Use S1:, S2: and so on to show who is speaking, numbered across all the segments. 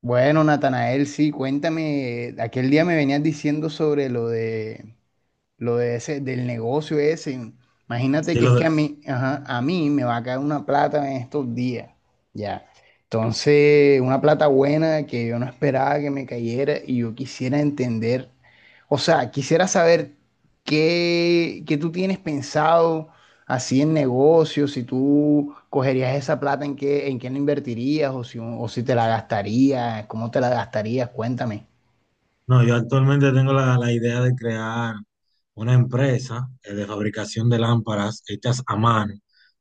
S1: Bueno, Natanael, sí, cuéntame, aquel día me venías diciendo sobre lo de ese, del negocio ese. Imagínate
S2: Sí,
S1: que es
S2: lo
S1: que
S2: de-
S1: a mí, ajá, a mí me va a caer una plata en estos días, ya. Entonces, una plata buena que yo no esperaba que me cayera y yo quisiera entender, o sea, quisiera saber qué tú tienes pensado así en negocios, si tú cogerías esa plata, en qué la invertirías o si te la gastarías, cómo te la gastarías, cuéntame.
S2: No, yo actualmente tengo la idea de crear una empresa de fabricación de lámparas hechas a mano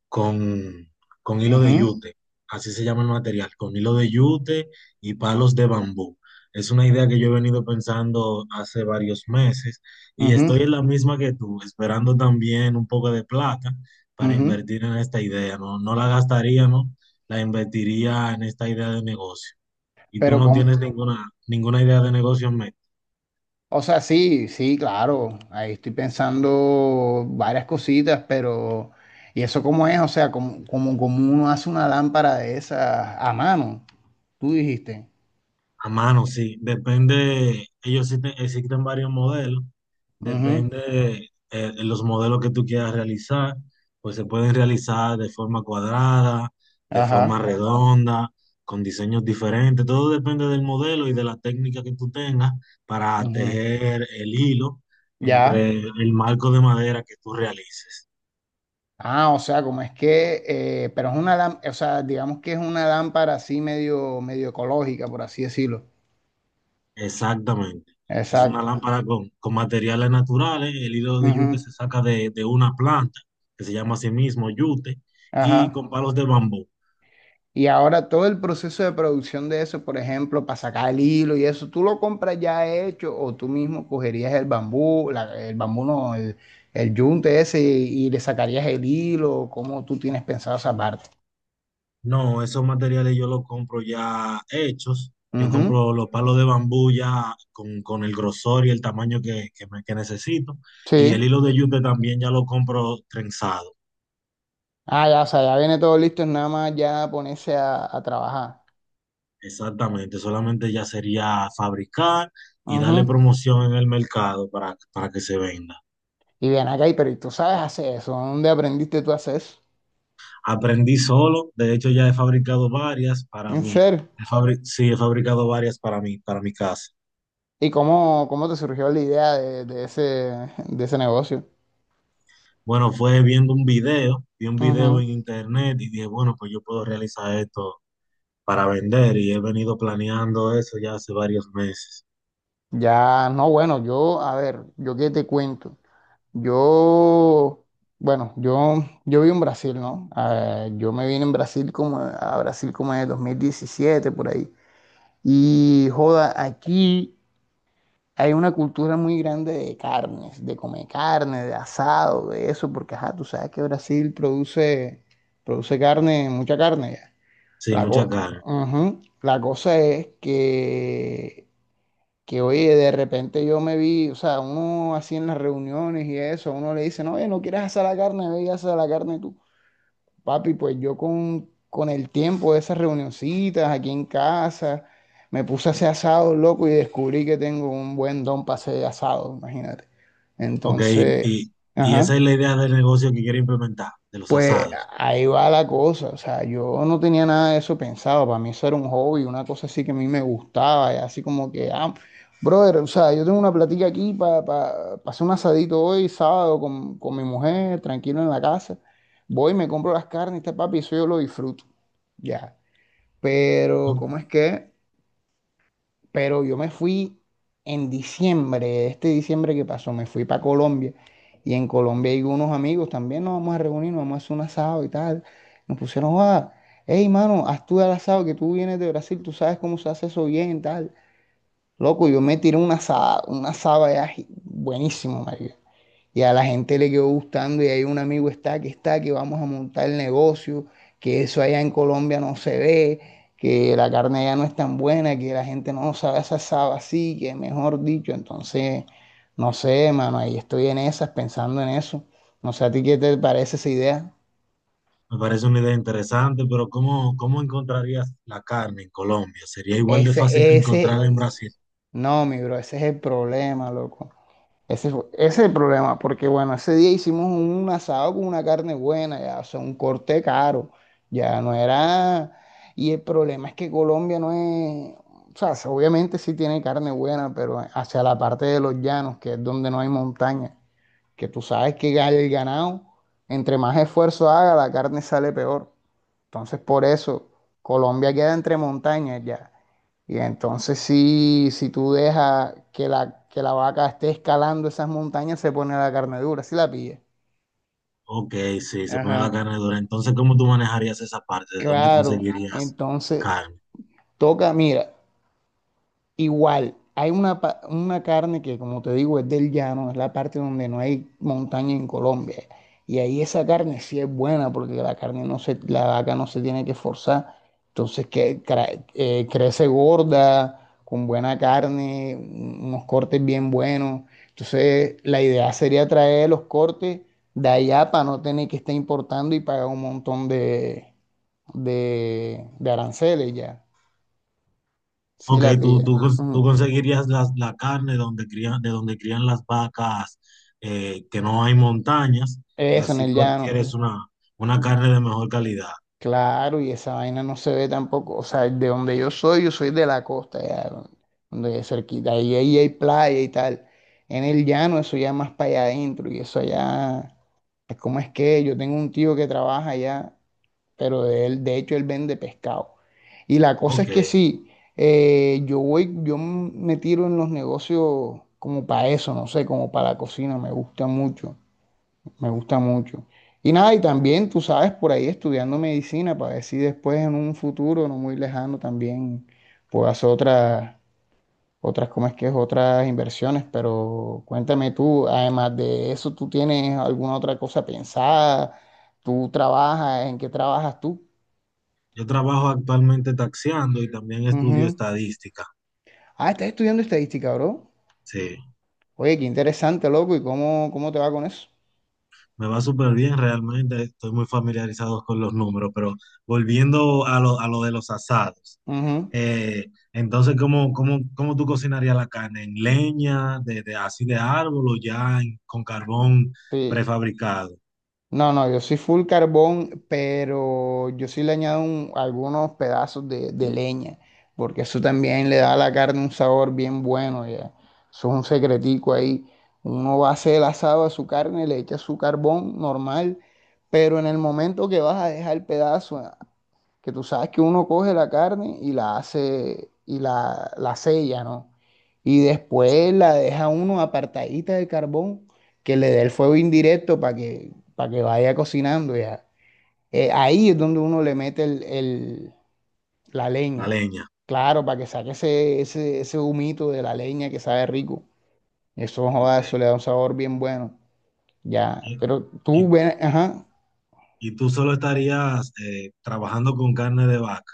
S2: con, con hilo de
S1: Ujú,
S2: yute, así se llama el material, con hilo de yute y palos de bambú. Es una idea que yo he venido pensando hace varios meses y estoy
S1: ujú,
S2: en la misma que tú, esperando también un poco de plata para
S1: ujú.
S2: invertir en esta idea, ¿no? No la gastaría, ¿no? La invertiría en esta idea de negocio. Y tú
S1: Pero,
S2: no
S1: ¿cómo?
S2: tienes ninguna idea de negocio en mente.
S1: O sea, sí, sí, claro. Ahí estoy pensando varias cositas, pero ¿y eso cómo es? O sea, como uno hace una lámpara de esas a mano, tú dijiste.
S2: A mano, sí. Depende, ellos existen, existen varios modelos.
S1: Ujú.
S2: Depende los modelos que tú quieras realizar. Pues se pueden realizar de forma cuadrada, de forma
S1: Ajá.
S2: redonda, con diseños diferentes. Todo depende del modelo y de la técnica que tú tengas para
S1: Ujú.
S2: tejer el hilo
S1: Ya.
S2: entre el marco de madera que tú realices.
S1: Ah, o sea, como es que, pero es una lámpara, o sea, digamos que es una lámpara así medio ecológica, por así decirlo.
S2: Exactamente. Es una
S1: Exacto.
S2: lámpara con materiales naturales. El hilo de yute
S1: Ujú.
S2: se saca de una planta que se llama a sí mismo yute y
S1: Ajá.
S2: con palos de bambú.
S1: Y ahora todo el proceso de producción de eso, por ejemplo, para sacar el hilo y eso, tú lo compras ya hecho o tú mismo cogerías el bambú, el bambú no, el yunte ese y le sacarías el hilo, ¿cómo tú tienes pensado esa parte?
S2: No, esos materiales yo los compro ya hechos. Yo
S1: Ujú.
S2: compro los palos de bambú ya con el grosor y el tamaño que necesito. Y el
S1: Sí.
S2: hilo de yute también ya lo compro trenzado.
S1: Ah, ya, o sea, ya viene todo listo, es nada más ya ponerse a trabajar.
S2: Exactamente. Solamente ya sería fabricar y darle
S1: Ujú.
S2: promoción en el mercado para que se venda.
S1: Y bien acá, y pero ¿y tú sabes hacer eso? ¿Dónde aprendiste tú a hacer eso?
S2: Aprendí solo, de hecho ya he fabricado varias para
S1: ¿En
S2: mí.
S1: serio?
S2: Sí, he fabricado varias para mí, para mi casa.
S1: ¿Y cómo, cómo te surgió la idea de ese, de ese negocio?
S2: Bueno, fue viendo un video, vi un video
S1: Ujú.
S2: en internet y dije, bueno, pues yo puedo realizar esto para vender y he venido planeando eso ya hace varios meses.
S1: Ya, no, bueno, yo, a ver, yo qué te cuento. Yo, bueno, yo vivo en Brasil, ¿no? Yo me vine en Brasil como, a Brasil como en el 2017 por ahí. Y, joda, aquí hay una cultura muy grande de carnes, de comer carne, de asado, de eso, porque, ajá, tú sabes que Brasil produce, produce carne, mucha carne ya.
S2: Sí,
S1: La,
S2: mucha
S1: co-
S2: carne.
S1: Ujú. La cosa es que oye, de repente yo me vi, o sea, uno así en las reuniones y eso, uno le dice, no, oye, no quieres hacer la carne, ve y haces la carne tú. Papi, pues yo con el tiempo de esas reunioncitas aquí en casa, me puse a hacer asado, loco, y descubrí que tengo un buen don para hacer asado, imagínate.
S2: Ok,
S1: Entonces,
S2: y, y
S1: ajá.
S2: esa es la idea del negocio que quiero implementar, de los
S1: Pues
S2: asados.
S1: ahí va la cosa, o sea, yo no tenía nada de eso pensado, para mí eso era un hobby, una cosa así que a mí me gustaba, y así como que, ah, brother, o sea, yo tengo una platica aquí para hacer un asadito hoy, sábado, con mi mujer, tranquilo en la casa, voy, me compro las carnes, este papi, eso yo lo disfruto, ya, pero
S2: ¿No?
S1: ¿cómo es que? Pero yo me fui en diciembre, este diciembre que pasó, me fui para Colombia y en Colombia hay unos amigos también, nos vamos a reunir, nos vamos a hacer un asado y tal. Nos pusieron, ah, hey mano, haz tú el asado que tú vienes de Brasil, tú sabes cómo se hace eso bien, tal. Loco, yo me tiré una asada allá buenísimo, marica. Y a la gente le quedó gustando y hay un amigo está que vamos a montar el negocio, que eso allá en Colombia no se ve, que la carne allá no es tan buena, que la gente no sabe esa asado así, que mejor dicho, entonces, no sé, mano, ahí estoy en esas, pensando en eso. No sé a ti qué te parece esa idea.
S2: Me parece una idea interesante, pero ¿cómo, cómo encontrarías la carne en Colombia? ¿Sería igual de fácil que
S1: Ese,
S2: encontrarla en
S1: ese,
S2: Brasil?
S1: no, mi bro, ese es el problema, loco. Ese es el problema, porque bueno, ese día hicimos un asado con una carne buena, ya, o sea, un corte caro, ya no era... Y el problema es que Colombia no es... O sea, sí, obviamente sí tiene carne buena, pero hacia la parte de los llanos, que es donde no hay montaña, que tú sabes que el ganado, entre más esfuerzo haga, la carne sale peor. Entonces, por eso, Colombia queda entre montañas ya. Y entonces, si tú dejas que la vaca esté escalando esas montañas, se pone la carne dura, si la pilla.
S2: Ok, sí, se pone la
S1: Ajá.
S2: carne dura. Entonces, ¿cómo tú manejarías esa parte? ¿De dónde
S1: Claro,
S2: conseguirías
S1: entonces,
S2: carne?
S1: toca, mira. Igual, hay una, una carne que, como te digo, es del llano, es la parte donde no hay montaña en Colombia. Y ahí esa carne sí es buena porque la carne no se, la vaca no se tiene que forzar. Entonces que, crece gorda, con buena carne, unos cortes bien buenos. Entonces la idea sería traer los cortes de allá para no tener que estar importando y pagar un montón de aranceles ya. Sí
S2: Ok,
S1: la
S2: tú,
S1: pilla.
S2: tú, cons- tú
S1: Ujú.
S2: conseguirías la carne donde crían, de donde crían las vacas, que no hay montañas, y
S1: Eso, en
S2: así
S1: el
S2: tú
S1: llano.
S2: adquieres una carne de mejor calidad.
S1: Claro, y esa vaina no se ve tampoco. O sea, de donde yo soy de la costa, ya, donde es cerquita. Ahí, ahí hay playa y tal. En el llano, eso ya más para allá adentro. Y eso allá, es como es que? Yo tengo un tío que trabaja allá, pero de él, de hecho, él vende pescado. Y la cosa
S2: Ok,
S1: es que sí, yo voy, me tiro en los negocios como para eso, no sé, como para la cocina, me gusta mucho. Me gusta mucho. Y nada, y también tú sabes, por ahí estudiando medicina para ver si después en un futuro no muy lejano también puedo hacer otras, otras, ¿cómo es que es? Otras inversiones. Pero cuéntame tú, además de eso, ¿tú tienes alguna otra cosa pensada? ¿Tú trabajas? ¿En qué trabajas tú?
S2: yo trabajo actualmente taxiando y también estudio
S1: Ujú.
S2: estadística.
S1: Ah, estás estudiando estadística, bro.
S2: Sí.
S1: Oye, qué interesante, loco. ¿Y cómo, cómo te va con eso?
S2: Me va súper bien realmente, estoy muy familiarizado con los números, pero volviendo a a lo de los asados,
S1: Ujú.
S2: eh, entonces, ¿ cómo tú cocinarías la carne? ¿En leña, así de árbol o con carbón
S1: Sí.
S2: prefabricado?
S1: No, no, yo soy full carbón, pero yo sí le añado algunos pedazos de leña, porque eso también le da a la carne un sabor bien bueno, ya. Eso es un secretico ahí. Uno va a hacer el asado a su carne, le echa su carbón normal, pero en el momento que vas a dejar el pedazo que tú sabes que uno coge la carne y la hace y la sella, ¿no? Y después la deja uno apartadita del carbón, que le dé el fuego indirecto para que vaya cocinando ya. Ahí es donde uno le mete la
S2: La
S1: leña,
S2: leña.
S1: claro, para que saque ese humito de la leña que sabe rico. Eso,
S2: Ok.
S1: joda, eso le da un sabor bien bueno, ya.
S2: Y,
S1: Pero tú
S2: y-
S1: ven, ajá.
S2: y tú solo estarías trabajando con carne de vaca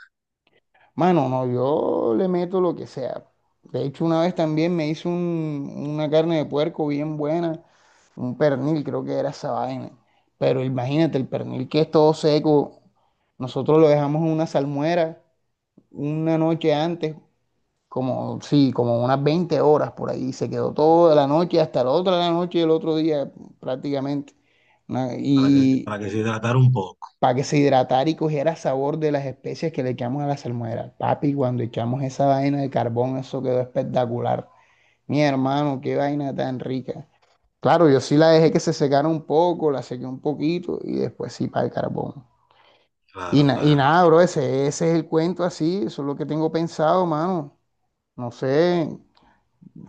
S1: Mano, no, yo le meto lo que sea. De hecho, una vez también me hizo una carne de puerco bien buena, un pernil, creo que era esa vaina. Pero imagínate, el pernil que es todo seco, nosotros lo dejamos en una salmuera una noche antes, como, sí, como unas 20 horas por ahí. Se quedó toda la noche, hasta la otra la noche y el otro día prácticamente. Una- Y
S2: para que se hidratara un poco.
S1: para que se hidratara y cogiera sabor de las especias que le echamos a la salmuera. Papi, cuando echamos esa vaina de carbón, eso quedó espectacular. Mi hermano, qué vaina tan rica. Claro, yo sí la dejé que se secara un poco, la sequé un poquito y después sí para el carbón. Y,
S2: Claro,
S1: y
S2: claro.
S1: nada, bro, ese es el cuento así, eso es lo que tengo pensado, mano. No sé,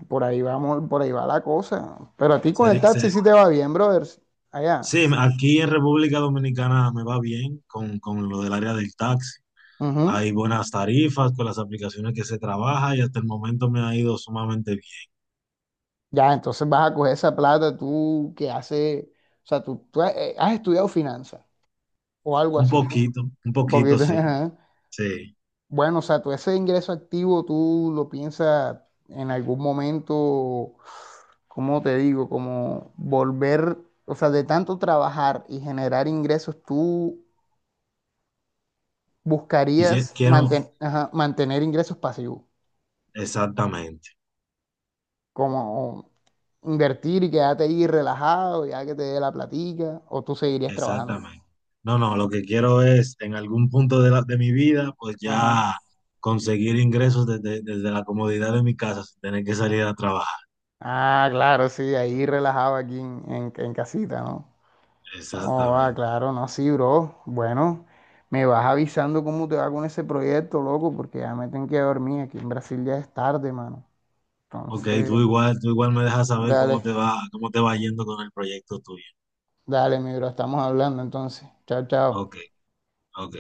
S1: por ahí vamos, por ahí va la cosa. Pero a ti con el
S2: Seri-
S1: taxi
S2: se-
S1: sí te va bien, brother. Allá.
S2: Sí,
S1: Sí,
S2: aquí en República Dominicana me va bien con lo del área del taxi.
S1: ujú.
S2: Hay buenas tarifas con las aplicaciones que se trabaja y hasta el momento me ha ido sumamente bien.
S1: Ya, entonces vas a coger esa plata tú que hace, o sea, tú has, has estudiado finanzas o algo
S2: Un
S1: así.
S2: poquito, un
S1: Porque,
S2: poquito, sí,
S1: ajá.
S2: sí.
S1: Bueno, o sea, tú ese ingreso activo tú lo piensas en algún momento, ¿cómo te digo? Como volver, o sea, de tanto trabajar y generar ingresos, tú
S2: Quisi-
S1: buscarías
S2: quiero,
S1: mantener ingresos pasivos,
S2: exactamente,
S1: como invertir y quedarte ahí relajado, ya que te dé la platica, o tú seguirías trabajando.
S2: exactamente. No, lo que quiero es en algún punto de, la- de mi vida, pues ya conseguir ingresos desde la comodidad de mi casa sin tener que salir a trabajar.
S1: Ah, claro, sí, ahí relajado aquí en, en casita, ¿no? Oh, ah,
S2: Exactamente.
S1: claro, no, sí, bro. Bueno, me vas avisando cómo te va con ese proyecto, loco, porque ya me tengo que dormir. Aquí en Brasil ya es tarde, mano.
S2: Ok,
S1: Entonces,
S2: tú igual me dejas saber
S1: dale,
S2: cómo te va yendo con el proyecto tuyo.
S1: dale, mi bro, estamos hablando entonces. Chao,
S2: Ok,
S1: chao.
S2: ok.